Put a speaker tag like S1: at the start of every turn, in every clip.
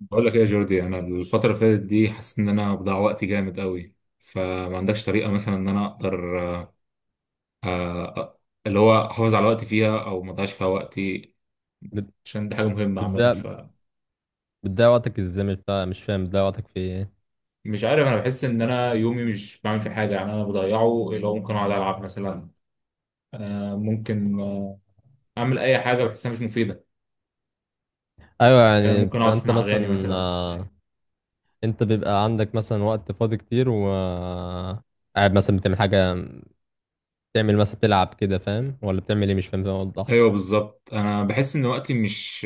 S1: بقول لك ايه يا جوردي، انا الفتره اللي فاتت دي حاسس ان انا بضيع وقتي جامد قوي. فما عندكش طريقه مثلا ان انا اقدر آه، اللي هو احافظ على وقتي فيها او ما اضيعش فيها وقتي؟
S2: بت-
S1: عشان دي حاجه مهمه عامه.
S2: بتضيع
S1: فمش
S2: بتضيع وقتك ازاي؟ مش بتاع، مش فاهم، بتضيع وقتك في ايه؟
S1: عارف، انا بحس ان انا يومي مش بعمل فيه حاجه، يعني انا بضيعه. اللي هو ممكن اقعد العب مثلا، آه، ممكن آه، اعمل اي حاجه بحسها مش مفيده.
S2: ايوه يعني
S1: ممكن
S2: بتبقى
S1: اقعد
S2: انت
S1: اسمع اغاني
S2: مثلا
S1: مثلا.
S2: انت بيبقى عندك مثلا وقت فاضي كتير و قاعد مثلا بتعمل حاجه، بتعمل مثلا بتلعب كده فاهم ولا بتعمل ايه؟ مش فاهم، فاهم؟ وضح لي.
S1: ايوه بالظبط، انا بحس ان وقتي مش،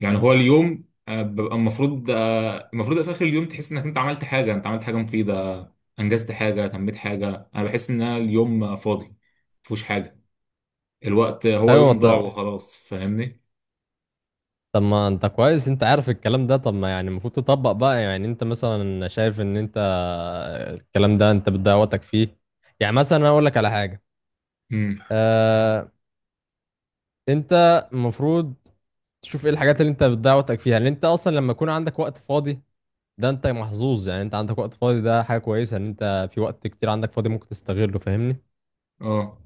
S1: يعني هو اليوم ببقى المفروض، المفروض في اخر اليوم تحس انك انت عملت حاجه، انت عملت حاجه مفيده، انجزت حاجه، تميت حاجه. انا بحس ان أنا اليوم فاضي، مفيهوش حاجه. الوقت هو
S2: ايوه،
S1: يوم
S2: طب
S1: ضاع
S2: ممكن،
S1: وخلاص، فاهمني؟
S2: طب ما انت كويس، انت عارف الكلام ده، طب ما يعني المفروض تطبق بقى، يعني انت مثلا شايف ان انت الكلام ده انت بتضيع وقتك فيه. يعني مثلا انا اقول لك على حاجه.
S1: امم.
S2: آه انت المفروض تشوف ايه الحاجات اللي انت بتضيع وقتك فيها، لان انت اصلا لما يكون عندك وقت فاضي، ده انت محظوظ، يعني انت عندك وقت فاضي، ده حاجة كويسة ان انت في وقت كتير عندك فاضي ممكن تستغله، فاهمني؟
S1: اه،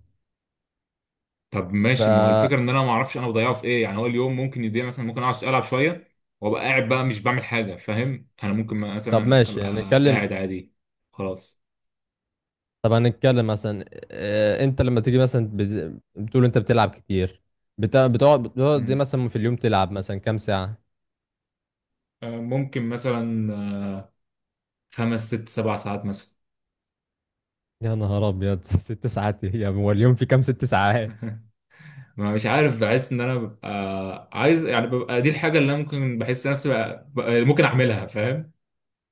S1: طب
S2: ف
S1: ماشي. ما هو الفكره ان انا ما اعرفش انا بضيعه في ايه. يعني هو اليوم ممكن يضيع، مثلا ممكن اقعد العب شويه وابقى قاعد بقى مش بعمل حاجه، فاهم؟ انا ممكن
S2: طب
S1: مثلا
S2: ماشي
S1: ابقى
S2: يعني نتكلم.
S1: قاعد عادي، خلاص.
S2: طب هنتكلم مثلا. اه، انت لما تيجي مثلا بتقول انت بتلعب كتير، بتقعد دي
S1: امم،
S2: مثلا، في اليوم تلعب مثلا كام ساعة؟
S1: ممكن مثلا خمس ست سبع ساعات مثلا.
S2: يا نهار ابيض! 6 ساعات ايه يا عم؟ هو اليوم في كام؟ 6 ساعات!
S1: ما مش عارف، بحس ان انا ببقى عايز، يعني ببقى دي الحاجه اللي انا ممكن بحس نفسي ممكن اعملها، فاهم؟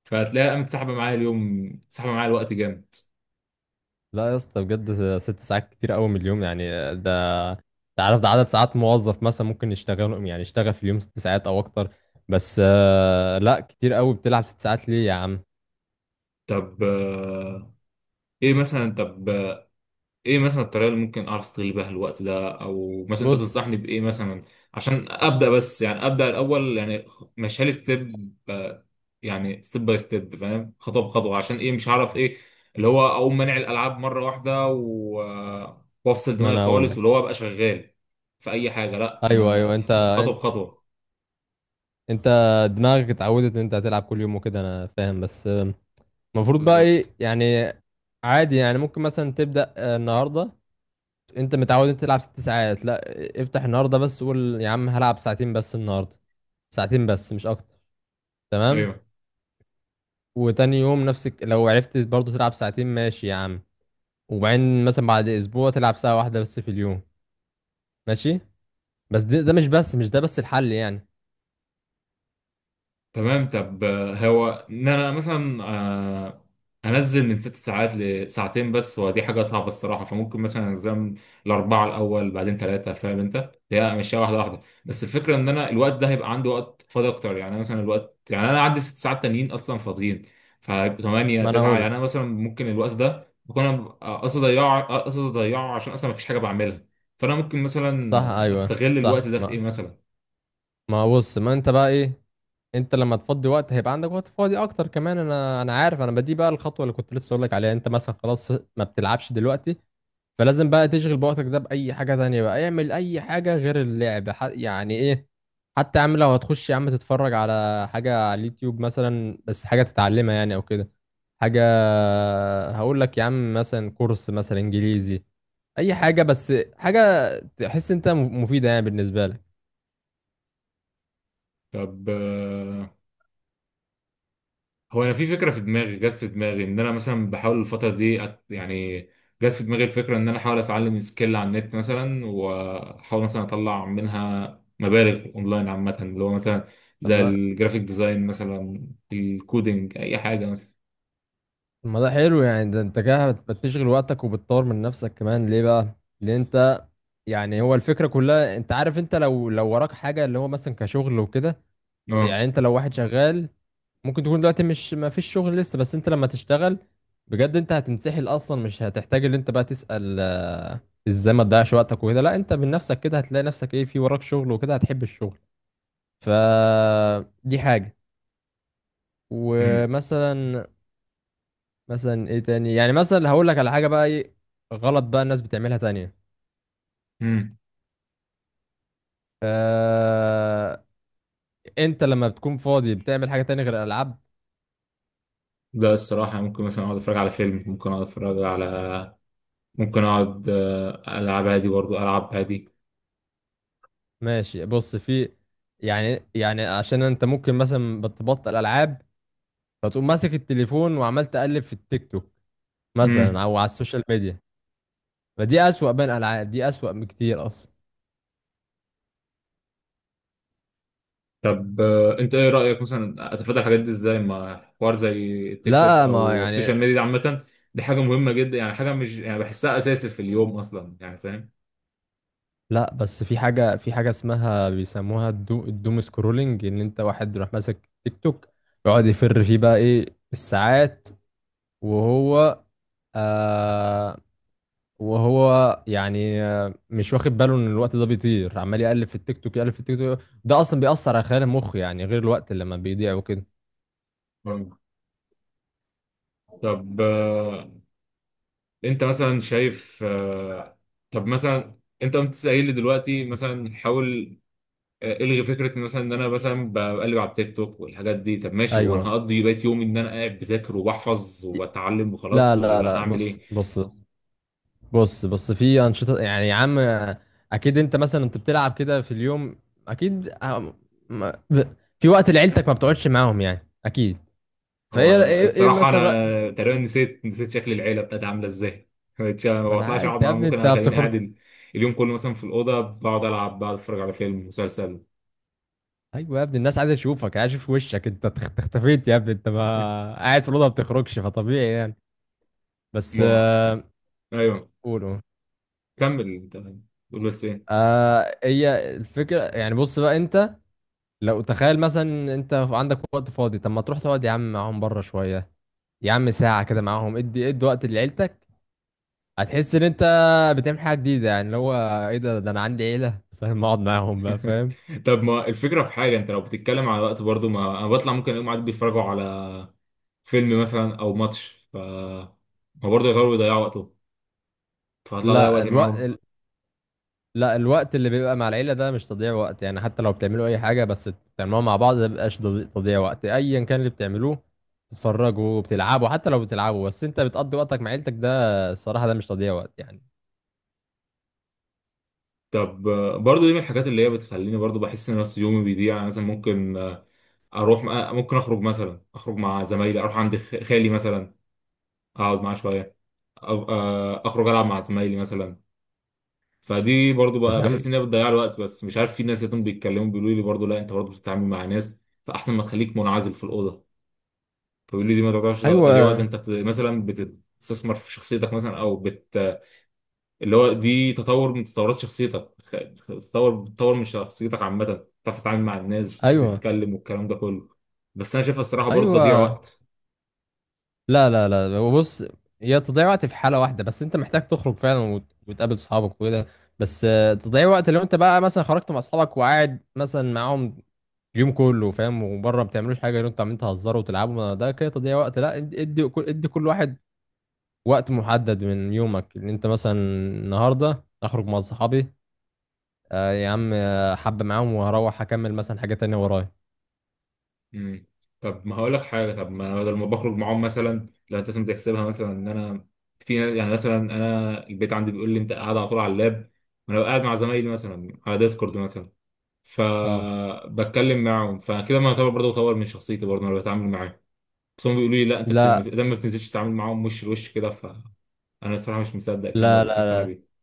S1: فهتلاقيها قامت سحبه معايا اليوم، سحبه معايا الوقت جامد.
S2: لا يا اسطى، بجد 6 ساعات كتير قوي من اليوم، يعني ده تعرف ده عدد ساعات موظف مثلا ممكن يشتغل، يعني يشتغل في اليوم 6 ساعات او اكتر. بس لا، كتير قوي، بتلعب 6 ساعات ليه يا عم؟
S1: طب ايه مثلا؟ طب ايه مثلا الطريقه اللي ممكن اعرف استغل بيها الوقت ده، او مثلا انت
S2: بص،
S1: بتنصحني بايه مثلا؟ عشان ابدا بس، يعني ابدا الاول، يعني ماشي لي ستيب. يعني ستيب باي ستيب، فاهم؟ خطوه بخطوه. عشان ايه؟ مش هعرف ايه اللي هو اقوم مانع الالعاب مره واحده و... وافصل
S2: ما
S1: دماغي
S2: انا اقول
S1: خالص،
S2: لك.
S1: واللي هو ابقى شغال في اي حاجه. لا،
S2: ايوه، ايوه،
S1: انا هتبقى خطوه
S2: انت,
S1: بخطوه.
S2: انت دماغك اتعودت ان انت هتلعب كل يوم وكده، انا فاهم، بس المفروض بقى
S1: بالظبط.
S2: ايه يعني؟ عادي يعني، ممكن مثلا تبدأ النهارده، انت متعود انت تلعب 6 ساعات، لا افتح النهارده بس قول يا عم هلعب ساعتين بس النهارده، ساعتين بس مش اكتر. تمام.
S1: ايوه.
S2: وتاني يوم نفسك لو عرفت برضه تلعب ساعتين، ماشي يا عم. وبعدين مثلا بعد اسبوع تلعب ساعة واحدة بس في اليوم. ماشي. بس ده مش بس، مش ده بس الحل يعني.
S1: تمام. طب هو ان انا مثلا انزل من ست ساعات لساعتين، بس هو دي حاجه صعبه الصراحه. فممكن مثلا انزل الاربعه الاول، بعدين ثلاثه، فاهم؟ انت هي مشيها واحده واحده. بس الفكره ان انا الوقت ده هيبقى عندي وقت فاضي اكتر، يعني أنا مثلا الوقت، يعني انا عندي ست ساعات تانيين اصلا فاضيين، فهيبقوا 8
S2: ما انا
S1: 9. يعني
S2: اقول.
S1: انا مثلا ممكن الوقت ده بكون انا قصدي اضيعه، قصدي اضيعه عشان اصلا مفيش حاجه بعملها. فانا ممكن مثلا
S2: صح، ايوه
S1: استغل
S2: صح،
S1: الوقت ده في ايه
S2: ما
S1: مثلا؟
S2: ما بص ما انت بقى ايه، انت لما تفضي وقت هيبقى عندك وقت فاضي اكتر كمان، انا عارف، انا بدي بقى الخطوة اللي كنت لسه اقول لك عليها، انت مثلا خلاص ما بتلعبش دلوقتي، فلازم بقى تشغل بوقتك ده بأي حاجة تانية، بقى اعمل أي حاجة غير اللعب، يعني إيه، حتى يا عم لو هتخش يا عم تتفرج على حاجة على اليوتيوب مثلا، بس حاجة تتعلمها يعني أو كده حاجة. هقول لك يا عم مثلا كورس مثلا إنجليزي، أي حاجة بس حاجة تحس أنت مفيدة يعني بالنسبة لك.
S1: طب هو انا في فكره في دماغي، جت في دماغي ان انا مثلا بحاول الفتره دي أت... يعني جت في دماغي الفكره ان انا احاول اتعلم سكيل على النت مثلا، واحاول مثلا اطلع منها مبالغ اونلاين عامه. اللي هو مثلا
S2: طب
S1: زي
S2: ما
S1: الجرافيك ديزاين مثلا، الكودينج، اي حاجه مثلا.
S2: طب ما ده حلو يعني، ده أنت كده بتشغل وقتك وبتطور من نفسك كمان، ليه بقى؟ لأن أنت يعني هو الفكرة كلها، أنت عارف، أنت لو وراك حاجة اللي هو مثلا كشغل وكده،
S1: اه.
S2: يعني انت لو واحد شغال ممكن تكون دلوقتي مش، ما فيش شغل لسه، بس انت لما تشتغل بجد، انت هتنسحل اصلا، مش هتحتاج ان انت بقى تسأل ازاي ما تضيعش وقتك وكده، لا انت من نفسك كده هتلاقي نفسك ايه في وراك شغل وكده هتحب الشغل. ف دي حاجة.
S1: امم.
S2: ومثلا مثلا ايه تاني، يعني مثلا هقول لك على حاجة بقى ايه غلط بقى الناس بتعملها تانية.
S1: امم.
S2: آه... انت لما بتكون فاضي بتعمل حاجة تانية غير الالعاب؟
S1: لا الصراحه، ممكن مثلا اقعد اتفرج على فيلم، ممكن اقعد اتفرج على، ممكن اقعد العب عادي، برضو العب
S2: ماشي، بص في، يعني عشان انت ممكن مثلا بتبطل العاب، فتقوم ماسك التليفون وعمال تقلب في التيك توك مثلا،
S1: عادي.
S2: او على السوشيال ميديا، فدي اسوأ بين الالعاب، دي اسوأ بكتير اصلا.
S1: طب انت ايه رأيك مثلا اتفادى الحاجات دي ازاي؟ ما حوار زي التيك توك
S2: لا ما
S1: او السوشيال
S2: يعني،
S1: ميديا دي عامة، دي حاجة مهمة جدا. يعني حاجة مش، يعني بحسها اساسي في اليوم اصلا، يعني فاهم؟
S2: لا بس في حاجة، في حاجة اسمها بيسموها الدوم سكرولينج، ان انت واحد يروح ماسك تيك توك يقعد يفر فيه بقى ايه، الساعات، وهو آه وهو يعني مش واخد باله ان الوقت ده بيطير، عمال يقلب في التيك توك، يقلب في التيك توك، ده اصلا بيأثر على خلايا المخ، يعني غير الوقت اللي لما بيضيع وكده.
S1: مم. طب انت مثلا شايف، طب مثلا انت قمت لي دلوقتي مثلا حاول الغي فكره إن مثلا ان انا مثلا بقلب على التيك توك والحاجات دي. طب ماشي، هو انا
S2: ايوه،
S1: هقضي بقيت يومي ان انا قاعد بذاكر وبحفظ وبتعلم
S2: لا،
S1: وخلاص،
S2: لا،
S1: ولا
S2: لا،
S1: هعمل ايه؟
S2: بص، بص، بص، بص في انشطه يعني يا عم اكيد انت مثلا انت بتلعب كده في اليوم، اكيد ما- في وقت لعيلتك ما بتقعدش معاهم يعني اكيد.
S1: هو
S2: فايه إيه
S1: الصراحة،
S2: مثلا
S1: أنا تقريبا نسيت شكل العيلة بتاعتي عاملة إزاي.
S2: ما
S1: ما
S2: انا
S1: بطلعش أقعد
S2: انت يا
S1: معاهم،
S2: ابني
S1: ممكن
S2: انت
S1: أخليني قاعد
S2: بتخرج.
S1: اليوم كله مثلا في الأوضة، بقعد ألعب، بقعد أتفرج على فيلم، مسلسل.
S2: ايوه يا ابني، الناس عايزه تشوفك، عايزه تشوف وشك، انت اختفيت يا ابني، انت ما قاعد في الاوضه، ما بتخرجش، فطبيعي يعني. بس
S1: ما أيوه.
S2: قولوا.
S1: كمل أنت، قول بس إيه.
S2: هي الفكره يعني، بص بقى انت لو تخيل مثلا انت عندك وقت فاضي، طب ما تروح تقعد يا عم معاهم بره شويه، يا عم ساعه كده معاهم، ادي ادي وقت لعيلتك، هتحس ان انت بتعمل حاجه جديده، يعني اللي هو ايه، ده انا عندي عيله! بس ما اقعد معاهم بقى، فاهم؟
S1: طب ما الفكرة في حاجة، أنت لو بتتكلم على وقت، برضو ما أنا بطلع، ممكن أقوم قاعد بيتفرجوا على فيلم مثلا أو ماتش، ف ما برضه يغيروا يضيعوا وقتهم، فهطلع أضيع
S2: لا
S1: وقتي معاهم.
S2: الوقت، لا الوقت اللي بيبقى مع العيلة ده مش تضييع وقت، يعني حتى لو بتعملوا أي حاجة بس بتعملوها مع بعض، ده مبيبقاش تضييع وقت، أيا كان اللي بتعملوه، بتتفرجوا بتلعبوا، حتى لو بتلعبوا بس أنت بتقضي وقتك مع عيلتك، ده الصراحة ده مش تضييع وقت يعني.
S1: طب برضو دي من الحاجات اللي هي بتخليني برضو بحس ان نفسي يومي بيضيع. يعني مثلا ممكن آه، اروح آه، ممكن اخرج مثلا، اخرج مع زمايلي، اروح عند خالي مثلا اقعد معاه شويه، أو اخرج العب مع زمايلي مثلا. فدي برضو
S2: طب،
S1: بقى
S2: فاهم،
S1: بحس ان هي بتضيع الوقت. بس مش عارف، في ناس لقيتهم بيتكلموا بيقولوا لي برضو لا انت برضو بتتعامل مع ناس، فاحسن ما تخليك منعزل في الاوضه. فبيقولوا لي دي ما تعتبرش تضييع وقت،
S2: أيوه،
S1: انت مثلا بتستثمر في شخصيتك مثلا، او بت... اللي هو دي تطور من تطورات شخصيتك بتطور من شخصيتك عامة، تعرف تتعامل مع الناس،
S2: أيوه،
S1: تتكلم والكلام ده كله. بس أنا شايفها الصراحة برضه تضييع
S2: أيوه،
S1: وقت.
S2: لا، لا، لا، بص. هي تضييع وقت في حالة واحدة بس، أنت محتاج تخرج فعلا وتقابل صحابك وكده. بس تضييع وقت لو أنت بقى مثلا خرجت مع أصحابك وقاعد مثلا معاهم اليوم كله فاهم، وبره ما بتعملوش حاجه غير انتوا عمالين تهزروا وتلعبوا، ما ده كده تضييع وقت، لا ادي ادي كل، ادي كل واحد وقت محدد من يومك، ان انت مثلا النهارده اخرج مع صحابي يا عم حبه معاهم وهروح اكمل مثلا حاجه تانية ورايا.
S1: مم. طب ما هقول لك حاجة، طب ما أنا بدل ما بخرج معاهم، مثلا لو أنت مثلا بتحسبها مثلا إن أنا في يعني مثلا أنا البيت عندي بيقول لي أنت قاعد على طول على اللاب، وأنا قاعد مع زمايلي مثلا على ديسكورد مثلا،
S2: اه،
S1: فبتكلم معاهم. فكده ما يعتبر برضه بطور من شخصيتي؟ برضه أنا بتعامل معاهم. بس هم بيقولوا لي لا انت بت...
S2: لا
S1: لما ما بتنزلش تتعامل معاهم وش لوش كده، فانا الصراحه مش مصدق الكلام ده
S2: لا
S1: ومش مقتنع
S2: لا
S1: بيه.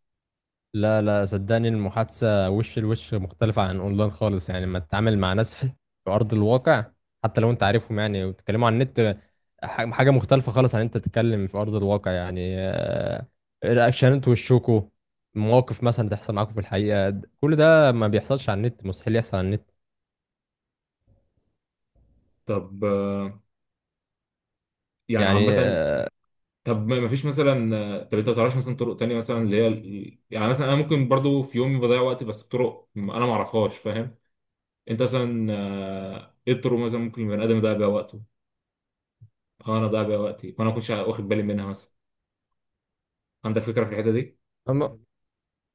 S2: لا لا، صدقني المحادثة وش لوش مختلفة عن اونلاين خالص، يعني لما تتعامل مع ناس في في ارض الواقع، حتى لو انت عارفهم يعني وتتكلموا عن النت، حاجة مختلفة خالص عن انت تتكلم في ارض الواقع، يعني رياكشنات وشكوا، مواقف مثلا تحصل معاكم في الحقيقة، كل ده ما بيحصلش على النت، مستحيل يحصل على النت،
S1: طب يعني
S2: يعني
S1: عامه، طب ما فيش مثلا، طب انت ما تعرفش مثلا طرق تانية مثلا اللي هي يعني مثلا انا ممكن برضو في يومي بضيع وقت بس بطرق انا ما اعرفهاش، فاهم؟ انت مثلا ايه الطرق مثلا ممكن البني ادم يضيع بيها وقته؟ اه انا ضيع بيها وقتي وانا ما كنتش واخد بالي منها مثلا. عندك فكره في الحته دي؟
S2: أما-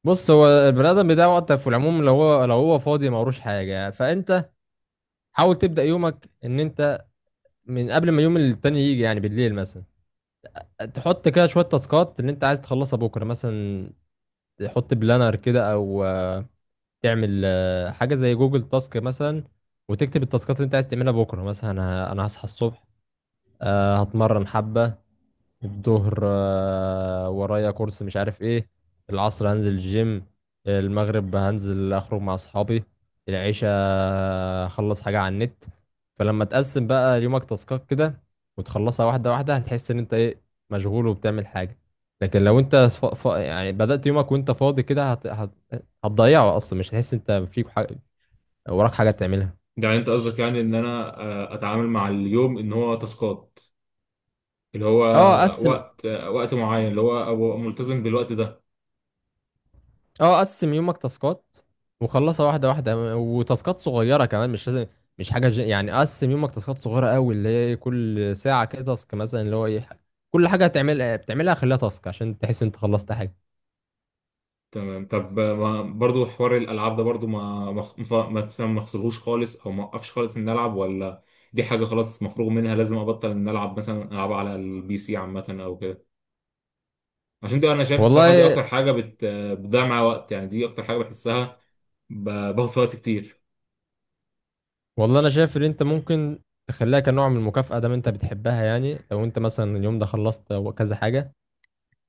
S2: بص هو البني ادم بيضيع وقته في العموم، لو هو فاضي ما وروش حاجة، فانت حاول تبدأ يومك ان انت من قبل ما يوم التاني يجي، يعني بالليل مثلا تحط كده شوية تاسكات اللي انت عايز تخلصها بكرة مثلا، تحط بلانر كده او تعمل حاجة زي جوجل تاسك مثلا، وتكتب التاسكات اللي انت عايز تعملها بكرة، مثلا انا هصحى الصبح، هتمرن حبة، الظهر ورايا كورس مش عارف ايه، العصر هنزل الجيم، المغرب هنزل اخرج مع اصحابي، العشاء اخلص حاجة على النت. فلما تقسم بقى يومك تاسكات كده، وتخلصها واحدة واحدة، هتحس ان انت ايه، مشغول وبتعمل حاجة. لكن لو انت يعني بدأت يومك وانت فاضي كده هتضيعه اصلا، مش هتحس انت فيك حاجة وراك حاجة تعملها.
S1: يعني انت قصدك يعني ان انا اتعامل مع اليوم ان هو تاسكات، اللي هو
S2: اه، قسم،
S1: وقت معين، اللي هو أبقى ملتزم بالوقت ده؟
S2: اه قسم يومك تاسكات، وخلصها واحده واحده، وتاسكات صغيره كمان مش لازم، مش حاجه يعني قسم يومك تاسكات صغيره قوي، اللي هي كل ساعه كده تاسك مثلا، اللي هو ايه كل حاجه هتعمل بتعملها خليها تاسك، عشان تحس انت خلصت حاجه.
S1: تمام. طب ما برضو حوار الألعاب ده برضو، ما مثلا ما أفصلهوش خالص؟ أو ما أوقفش خالص إن ألعب، ولا دي حاجة خلاص مفروغ منها لازم أبطل إن ألعب؟ مثلا ألعب على البي سي عامة أو كده. عشان دي أنا شايف الصراحة دي
S2: والله،
S1: أكتر حاجة بتضيع معايا وقت. يعني دي أكتر حاجة بحسها باخد فيها وقت كتير.
S2: والله انا شايف ان انت ممكن تخليها كنوع من المكافاه، دام انت بتحبها، يعني لو انت مثلا اليوم ده خلصت كذا حاجه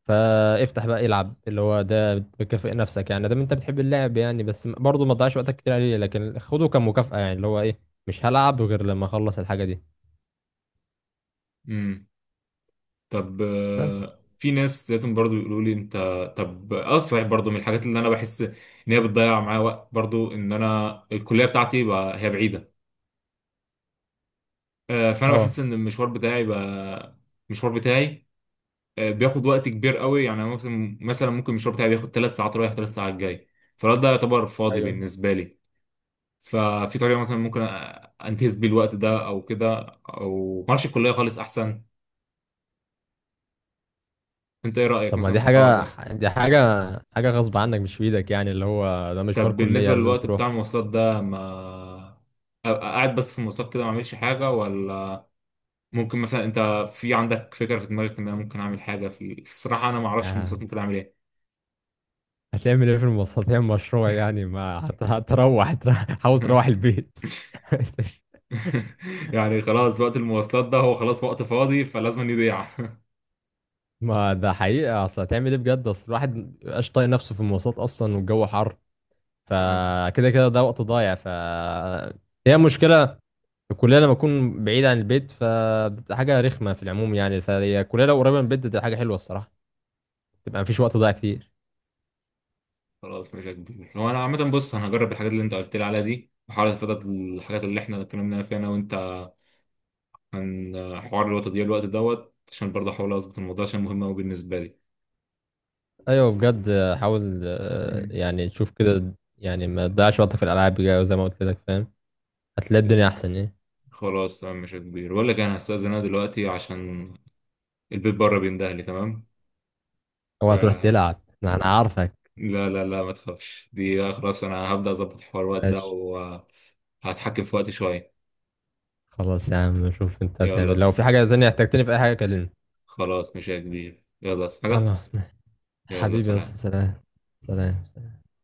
S2: فافتح بقى العب، اللي هو ده بتكافئ نفسك يعني، ده انت بتحب اللعب يعني، بس برضه ما تضيعش وقتك كتير عليه، لكن خده كمكافأة، يعني اللي هو ايه، مش هلعب غير لما اخلص الحاجة دي.
S1: امم. طب
S2: بس،
S1: في ناس لقيتهم برضو يقولوا لي انت... طب اه صحيح، برضو من الحاجات اللي انا بحس ان هي بتضيع معايا وقت، برضو ان انا الكليه بتاعتي بقى هي بعيده. فانا
S2: اه،
S1: بحس ان المشوار بتاعي بقى، المشوار بتاعي بياخد وقت كبير قوي. يعني أنا مثلا، مثلا ممكن المشوار بتاعي بياخد ثلاث ساعات رايح ثلاث ساعات جاي، فالوقت ده يعتبر فاضي
S2: ايوه،
S1: بالنسبه لي. ففي طريقه مثلا ممكن انتهز بيه الوقت ده او كده؟ او ما اعرفش، الكليه خالص احسن؟ انت ايه رايك
S2: طب ما
S1: مثلا
S2: دي
S1: في الحوار
S2: حاجة
S1: ده؟
S2: دي حاجة حاجة غصب عنك، مش في ايدك، يعني اللي هو ده مشوار
S1: طب
S2: كلية
S1: بالنسبة
S2: لازم
S1: للوقت
S2: تروح.
S1: بتاع المواصلات ده، ما أبقى قاعد بس في المواصلات كده ما اعملش حاجة؟ ولا ممكن مثلا انت في عندك فكرة في دماغك ان انا ممكن اعمل حاجة؟ في الصراحة انا ما اعرفش في المواصلات
S2: يعني
S1: ممكن اعمل ايه.
S2: هتعمل ايه في المواصلات؟ هتعمل مشروع يعني؟ ما هتروح حاول تروح البيت.
S1: يعني خلاص وقت المواصلات ده، هو خلاص وقت فاضي فلازم يضيع.
S2: ما ده حقيقة، اصل هتعمل ايه بجد، اصل الواحد مبقاش طايق نفسه في المواصلات اصلا، والجو حر، فكده كده ده وقت ضايع، هي مشكلة الكلية لما أكون بعيد عن البيت فبتبقى حاجة رخمة في العموم يعني، فهي الكلية لو قريبة من البيت بتبقى حاجة حلوة الصراحة، تبقى مفيش وقت ضايع كتير.
S1: خلاص ماشي يا كبير. هو انا عامة، بص انا هجرب الحاجات اللي انت قلت لي عليها دي، وحاول اتفادى الحاجات اللي احنا اتكلمنا فيها انا وانت عن حوار الوقت دي، الوقت دوت، عشان برضه احاول اظبط الموضوع عشان مهم قوي بالنسبة
S2: أيوة بجد، حاول
S1: لي.
S2: يعني تشوف كده، يعني ما تضيعش وقتك في الألعاب بجد زي ما قلت لك، فاهم؟ هتلاقي الدنيا أحسن إيه،
S1: خلاص تمام مش كبير، بقول لك انا هستأذن انا دلوقتي عشان البيت بره بيندهلي. تمام،
S2: أو
S1: ف
S2: هتروح تلعب، أنا عارفك.
S1: لا لا لا ما تخافش، دي خلاص انا هبدأ اظبط حوار الوقت ده
S2: ماشي،
S1: وهتحكم في وقتي شوية.
S2: خلاص يا عم، شوف أنت هتعمل،
S1: يلا
S2: لو في حاجة تانية احتجتني في أي حاجة كلمني.
S1: خلاص مش كبير، يلا عايز حاجة؟
S2: خلاص ماشي.
S1: يلا
S2: حبيبي يا أسطى،
S1: سلام.
S2: سلام. سلام.